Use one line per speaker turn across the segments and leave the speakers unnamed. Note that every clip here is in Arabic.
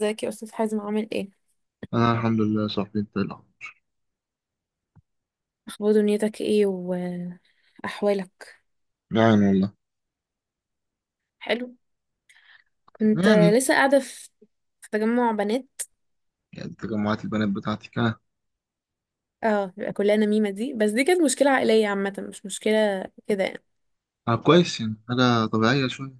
ازيك يا استاذ حازم، عامل ايه؟
انا الحمد لله يا صاحبي. انت إيه الاخبار؟
اخبار دنيتك ايه واحوالك؟
يعني والله
حلو. كنت
يعني
لسه قاعده في تجمع بنات.
يعني تجمعات البنات بتاعتي كان...
اه، بيبقى كلها نميمه دي، بس دي كانت مشكله عائليه عامه، مش مشكله كده يعني.
آه، كويس. يعني حاجة طبيعية شوية.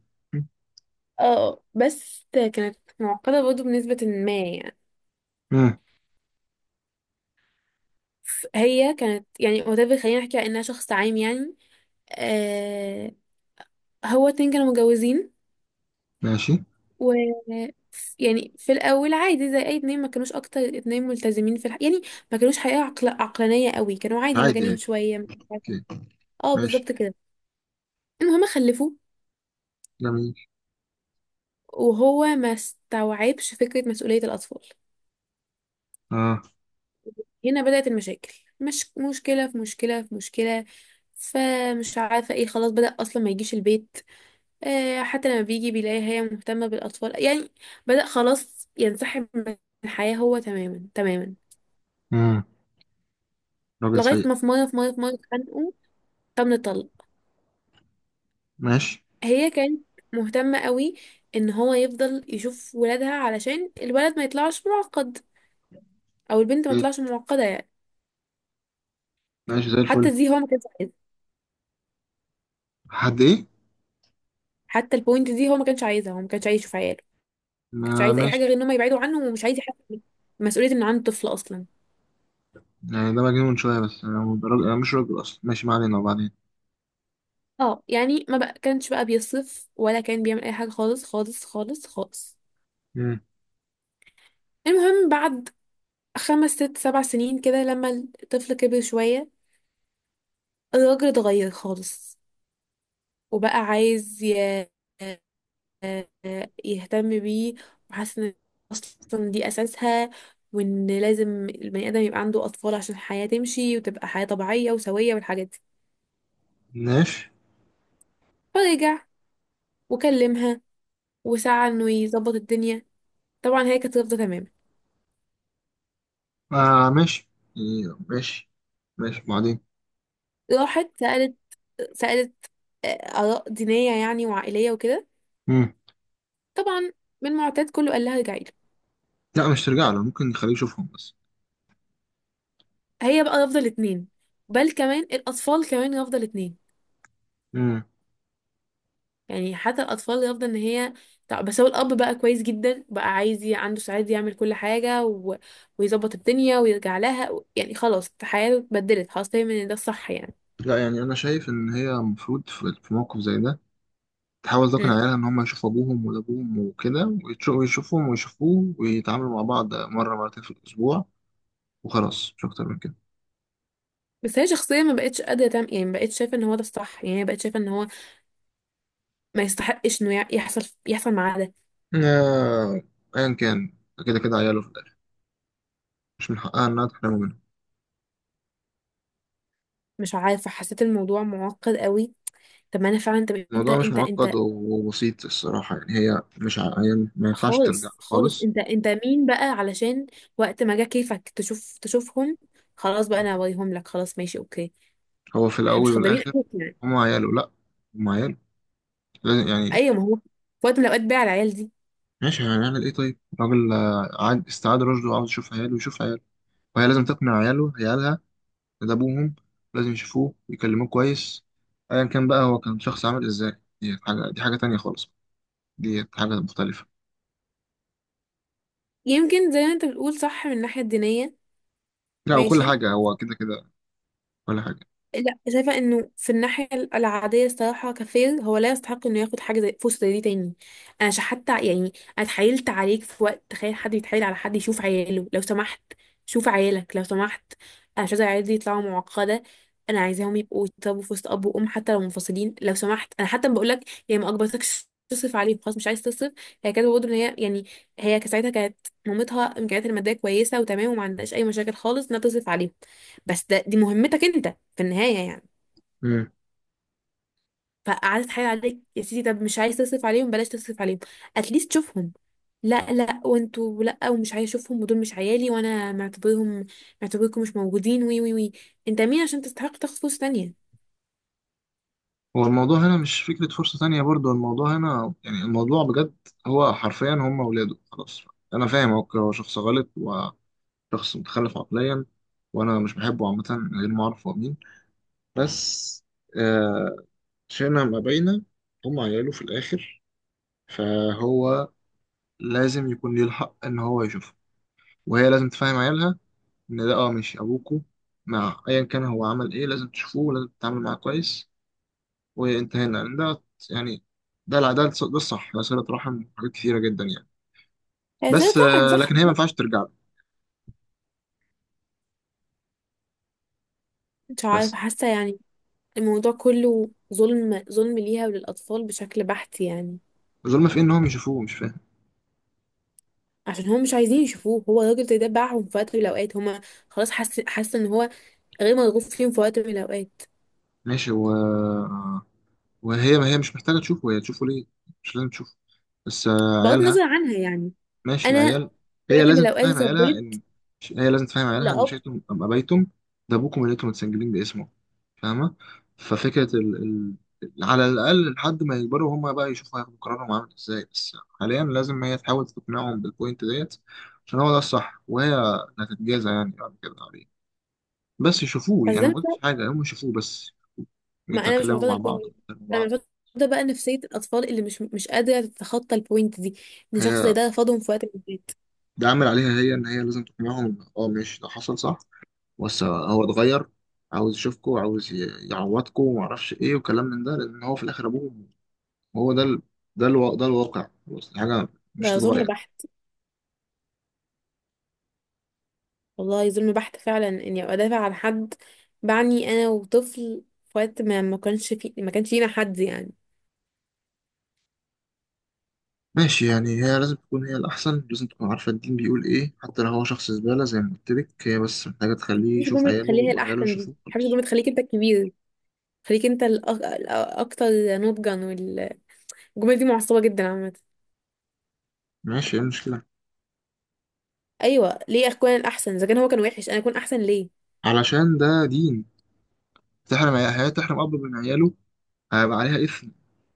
اه، بس كانت معقده برضه بنسبه ما يعني.
امم.
هي كانت يعني whatever، خلينا نحكي على انها شخص عام يعني. آه. هو اتنين كانوا متجوزين
ماشي.
و يعني في الاول عادي زي اي اتنين، ما كانوش اكتر اتنين ملتزمين يعني، ما كانوش حقيقة عقلانية قوي، كانوا عادي
عادي
مجانين
عادي.
شوية، مش عارفة.
اوكي.
اه،
ماشي.
بالظبط كده. المهم خلفوا
جميل.
وهو ما استوعبش فكرة مسؤولية الاطفال.
اه.
هنا بدأت المشاكل، مش مشكلة في مشكلة في مشكلة، فمش عارفة ايه، خلاص بدأ اصلا ما يجيش البيت. آه، حتى لما بيجي بيلاقي هي مهتمة بالاطفال يعني. بدأ خلاص ينسحب من الحياة هو، تماما تماما،
امم. راجل
لغاية
سيء.
ما في مرة في مرة في مرة اتخانقوا، فمن الطلق.
ماشي.
هي كانت مهتمة قوي ان هو يفضل يشوف ولادها علشان الولد ما يطلعش معقد، او البنت ما
ايه،
تطلعش معقدة يعني.
ماشي زي
حتى
الفل.
دي هو ما كانش عايزها،
حد ايه؟
حتى البوينت دي هو ما كانش عايزها، هو ما كانش عايز يشوف عياله، ما كانش
ما
عايز اي حاجة غير
ماشي.
ان هم يبعدوا عنه، ومش عايز يحس بمسؤولية ان عنده طفل اصلا.
يعني ده مجنون شوية، بس انا، هو ده راجل؟ انا مش راجل اصلا. ماشي، ما علينا. وبعدين؟
اه يعني ما بقى كانش بقى بيصف ولا كان بيعمل اي حاجة، خالص خالص خالص خالص.
امم.
المهم بعد خمس ست سبع سنين كده، لما الطفل كبر شوية، الراجل اتغير خالص، وبقى عايز آه، يهتم بيه، وحاسه ان اصلا دي اساسها، وان لازم البني ادم يبقى عنده اطفال عشان الحياه تمشي وتبقى حياه طبيعيه وسويه والحاجات دي.
ماشي.
فرجع وكلمها وسعى انه يظبط الدنيا. طبعا هي كانت رافضه تماما.
آه ماشي. إيه، ماشي. ماشي وبعدين؟
راحت سالت اراء دينيه يعني وعائليه وكده.
امم.
طبعا من معتاد كله قال لها ارجعي له.
لا مش ترجع له، ممكن نخليه يشوفهم بس.
هي بقى رافضه الاثنين، بل كمان الاطفال كمان رافضه الاثنين، يعني حتى الاطفال يفضل ان هي. بس هو الاب بقى كويس جدا، بقى عايز عنده سعاده يعمل كل حاجه ويظبط الدنيا ويرجع لها يعني خلاص الحياه اتبدلت، خلاص فاهم ان ده الصح يعني.
لا، يعني انا شايف ان هي المفروض في موقف زي ده تحاول تقنع
امم.
عيالها ان هم يشوفوا ابوهم، وابوهم وكده، ويشوفهم ويشوفوه ويتعاملوا مع بعض مره مرتين في الاسبوع. وخلاص، مش اكتر من كده.
بس هي شخصيا ما بقتش قادره تعمل يعني، ما بقتش شايفه ان هو ده الصح يعني، هي بقت شايفه ان هو ما يستحقش انه يحصل معاه ده.
آه، ايا كان. كده كده عياله في الاخر، مش من حقها انها تحرمه منه.
مش عارفه، حسيت الموضوع معقد قوي. طب ما انا فعلا، طب انت
الموضوع مش
انت
معقد
انت
وبسيط الصراحه. يعني هي مش ع... هي ما ينفعش ترجع
خالص
له
خالص،
خالص.
انت مين بقى علشان وقت ما جه كيفك تشوفهم خلاص بقى انا هوريهم لك، خلاص ماشي اوكي؟
هو في
احنا
الاول
مش خدامين
والاخر
ابوك يعني.
هم عياله. لا، هم عياله، لازم يعني.
ايوه، ما هو في وقت من الاوقات بقى على العيال دي.
ماشي، هنعمل ايه؟ طيب راجل، آه، عاد استعاد رشده وعاوز يشوف عياله، يشوف عياله. وهي لازم تقنع عيالها إن ده أبوهم، لازم يشوفوه ويكلموه كويس. أيا كان بقى هو كان شخص عامل إزاي، دي حاجة، دي حاجة تانية خالص. دي حاجة مختلفة.
يمكن زي ما انت بتقول، صح من الناحيه الدينيه،
لا، وكل
ماشي.
حاجة هو كده كده، كل حاجة.
لا، شايفة انه في الناحية العادية الصراحة كفير، هو لا يستحق انه ياخد حاجة زي فرصة زي دي تاني. حتى يعني، انا اتحايلت عليك في وقت، تخيل حد يتحايل على حد يشوف عياله، لو سمحت شوف عيالك، لو سمحت انا مش عايزة عيالي دي يطلعوا معقدة، انا عايزاهم يبقوا يتربوا في وسط اب وام حتى لو منفصلين، لو سمحت. انا حتى بقول لك هي ما اكبرتكش، تصرف عليهم، خلاص مش عايز تصرف. هي كانت برضه ان هي يعني، هي كانت ساعتها مامتها امكانياتها الماديه كويسه وتمام، وما عندهاش اي مشاكل خالص انها تصرف عليهم، بس دي مهمتك انت في النهاية يعني.
مم.
فقعدت تحايل عليك يا سيدي، طب مش عايز تصرف عليهم بلاش تصرف عليهم، اتليست شوفهم. لا لا، وانتوا لا، ومش عايز اشوفهم، ودول مش عيالي وانا معتبرهم، معتبركم مش موجودين، وي وي وي. انت مين عشان تستحق تاخد فلوس تانية؟
هو الموضوع هنا مش فكرة فرصة تانية برضو. الموضوع هنا يعني الموضوع بجد. هو حرفيا هم ولاده، خلاص. أنا فاهم هو شخص غلط وشخص متخلف عقليا، وأنا مش بحبه عامة من غير ما أعرف هو مين. بس آه، شئنا ما بينا، هم عياله في الآخر. فهو لازم يكون ليه الحق ان هو يشوفها. وهي لازم تفهم عيالها ان ده، اه، ماشي ابوكو. مع ايا كان هو عمل ايه، لازم تشوفوه ولازم تتعامل معاه كويس. وانتهينا لان ده يعني ده الصح، ده صلة رحم وحاجات كثيرة جدا يعني.
هي سيدة
بس
رحم،
آه،
صح
لكن هي ما
والله.
ينفعش ترجع له.
مش عارفة
بس
حاسة يعني الموضوع كله ظلم، ظلم ليها وللأطفال بشكل بحت يعني،
الظلم في إيه؟ ان هم يشوفوه؟ مش فاهم.
عشان هم مش عايزين يشوفوه، هو الراجل ده باعهم في وقت من الأوقات، هما خلاص حاسة، حاسة ان هو غير مرغوب فيهم في وقت من الأوقات.
ماشي، و... وهي، ما هي مش محتاجة تشوفه، هي تشوفه ليه؟ مش لازم تشوفه. بس آه،
بغض
عيالها.
النظر عنها يعني،
ماشي،
انا
عيال. هي
وقت من
لازم
الأوقات
تفهم عيالها
اتربيت
ان هي لازم تفهم عيالها ان
لأب.
شئتم ام ابيتم، ده ابوكم اللي انتم متسجلين باسمه، فاهمه؟ ففكره على الاقل لحد ما يكبروا، هما بقى يشوفوا، هياخدوا قرارهم عامل ازاي. بس حاليا لازم هي تحاول تقنعهم بالبوينت ديت، عشان هو ده الصح. وهي هتتجازى يعني بعد كده عليه. بس يشوفوه،
بس
يعني
ده
ما
مش،
قلتش حاجه، هم يشوفوه بس
ما أنا مش
ويتكلموا
معتادة على
مع
البوينت
بعض،
دي،
ويتكلموا مع
أنا
بعض.
معتادة بقى نفسية الأطفال اللي مش قادرة تتخطى البوينت دي، إن شخص زي
هي
ده رفضهم في وقت من الأوقات.
ده عامل عليها هي ان هي لازم تقنعهم إن، اه، ماشي ده حصل، صح. بص، هو اتغير، عاوز يشوفكم وعاوز يعوضكم ومعرفش ايه وكلام من ده، لان هو في الاخر ابوه. هو ده الواقع، خلاص، دي حاجه مش
ده ظلم
تتغير.
بحت، والله ظلم بحت فعلا، إني أبقى دافع عن حد، بعني أنا وطفل في وقت ما ما كانش في ما كانش لينا حد يعني.
ماشي، يعني هي لازم تكون هي الاحسن، لازم تكون عارفه الدين بيقول ايه، حتى لو هو شخص زباله زي ما قلت لك. هي بس محتاجه تخليه
مش،
يشوف
جملة
عياله
تخليها
وعياله
الأحسن دي ما
يشوفوه،
بحبش،
خلاص.
جملة تخليك أنت الكبير، خليك أنت الأكتر نضجا، والجملة دي معصبة جدا عامة.
ماشي، ايه المشكله؟
أيوه ليه أكون الأحسن؟ إذا كان هو كان وحش أنا أكون أحسن ليه؟
علشان ده دين. هي تحرم اب من عياله؟ هيبقى عليها اثم،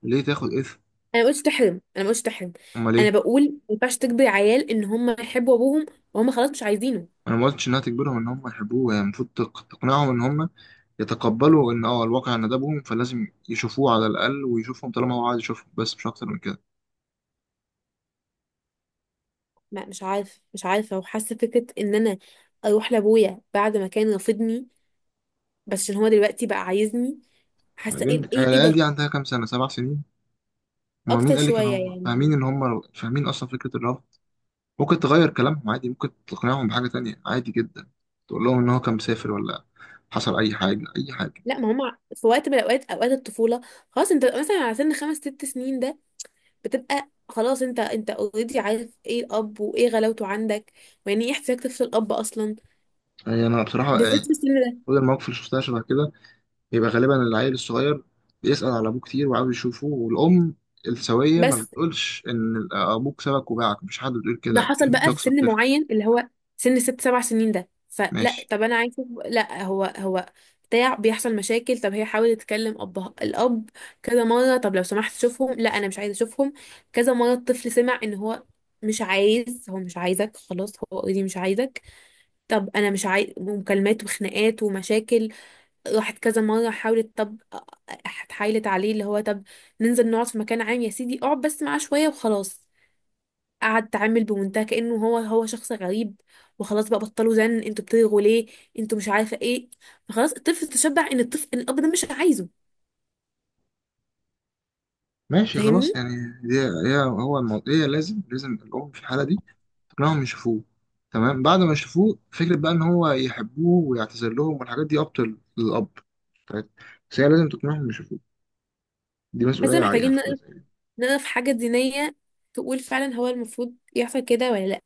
ليه تاخد اثم؟
انا ما قلتش تحرم، انا ما قلتش تحرم،
امال
انا
ايه؟
بقول ما ينفعش تجبر عيال ان هم يحبوا ابوهم وهم خلاص مش عايزينه.
انا ما قلتش انها تجبرهم ان هم يحبوه. هي المفروض تقنعهم ان هم يتقبلوا ان، اه، الواقع ندبهم، فلازم يشوفوه على الاقل، ويشوفهم طالما هو عايز يشوفهم. بس مش اكتر من كده.
ما مش عارفه، وحاسه فكره ان انا اروح لابويا بعد ما كان رافضني، بس عشان هو دلوقتي بقى عايزني، حاسه ايه
بعدين هي
ايه ايه
العيال
ده؟
دي عندها كام سنه؟ 7 سنين. هما مين
اكتر
قال لك ان
شويه
هم فاهمين؟
يعني.
اصلا فكره الرفض ممكن تغير كلامهم عادي. ممكن تقنعهم بحاجه تانية عادي جدا. تقول لهم ان هو كان مسافر، ولا حصل اي حاجه، اي حاجه.
لا، ما هم في وقت من الاوقات، اوقات الطفوله، خلاص انت مثلا على سن خمس ست سنين ده، بتبقى خلاص انت اوريدي عارف ايه الاب وايه غلاوته عندك، ويعني ايه احتياج طفل الاب اصلا،
يعني انا بصراحه
بالذات
يعني
في السن ده.
كل المواقف اللي شفتها شبه كده، يبقى غالبا العيل الصغير بيسال على ابوه كتير وعاوز يشوفه. والام السويه ما
بس
بتقولش ان ابوك سبك وباعك، مش حد بيقول
ده
كده،
حصل
كلمه
بقى في
يكسر.
سن معين اللي هو سن ست سبع سنين ده، فلا،
ماشي.
طب انا عايزه، لا هو بتاع بيحصل مشاكل. طب هي حاولت تكلم الاب كذا مره، طب لو سمحت شوفهم، لا انا مش عايزه اشوفهم. كذا مره الطفل سمع ان هو مش عايز، هو مش عايزك خلاص، هو اوريدي مش عايزك، طب انا مش عايز، ومكالمات وخناقات ومشاكل. راحت كذا مره حاولت، طب اتحايلت عليه اللي هو، طب ننزل نقعد في مكان عام يا سيدي، اقعد بس معاه شويه وخلاص، قعد تعامل بمنتهى كأنه هو شخص غريب وخلاص، بقى بطلوا زن، انتوا بتلغوا ليه، انتوا مش عارفه ايه؟ فخلاص الطفل تشبع ان الطفل ان الاب ده مش عايزه،
ماشي خلاص
فاهمني؟
يعني. دي هي، هو الموضوع، هي لازم الأم في الحالة دي تقنعهم يشوفوه. تمام، بعد ما يشوفوه فكرة بقى إن هو يحبوه ويعتذر لهم والحاجات دي أبطل للأب. طيب. بس هي لازم تقنعهم يشوفوه، دي
حاسه
مسؤولية عليها
محتاجين
في حالة
نقف
زي دي.
نقف حاجه دينيه تقول فعلا هو المفروض يحصل كده ولا لا.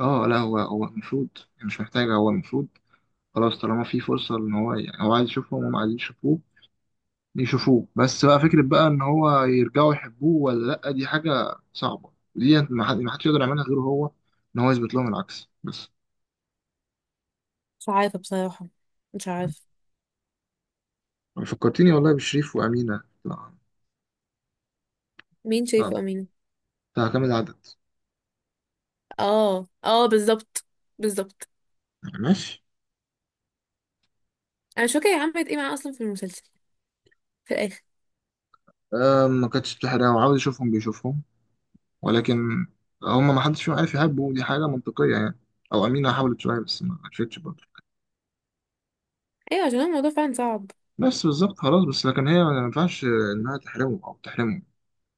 اه لا، هو المفروض، مش محتاجة هو المفروض. خلاص طالما في فرصة إن هو، يعني هو عايز يشوفهم وهم عايزين يشوفوه، يشوفوه بس. بقى فكرة بقى ان هو يرجعوا يحبوه ولا لأ، دي حاجة صعبة، ودي ما حدش يقدر يعملها غيره هو، ان هو يثبت لهم العكس بس.
مش عارفه بصراحه، مش عارفه.
فكرتيني والله بشريف وأمينة. لا.
مين
لا
شايفه امين؟
بتاع كام العدد؟
اه اه، بالظبط، بالظبط.
ماشي.
انا مش فاكره هي عملت ايه معاه اصلا في المسلسل في الاخر.
أم، ما كانتش بتحرق، وعاوز يشوفهم بيشوفهم. ولكن هم ما حدش فيهم عارف يحبه، دي حاجة منطقية يعني. او أمينة حاولت شوية، بس ما عرفتش برضه.
ايوه عشان هو الموضوع فعلا صعب.
بس بالظبط، خلاص. بس لكن هي ما ينفعش انها تحرمه او تحرمه.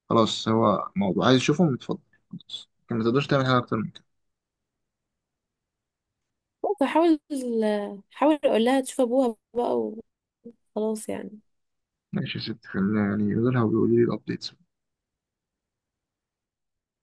خلاص هو موضوع عايز يشوفهم، يتفضل. خلاص لكن ما تقدرش تعمل حاجة اكتر.
بس حاول اقول لها تشوف ابوها بقى وخلاص يعني.
ماشي يا ست، خلينا يعني يقولوا لها ويقولوا لي الابديتس.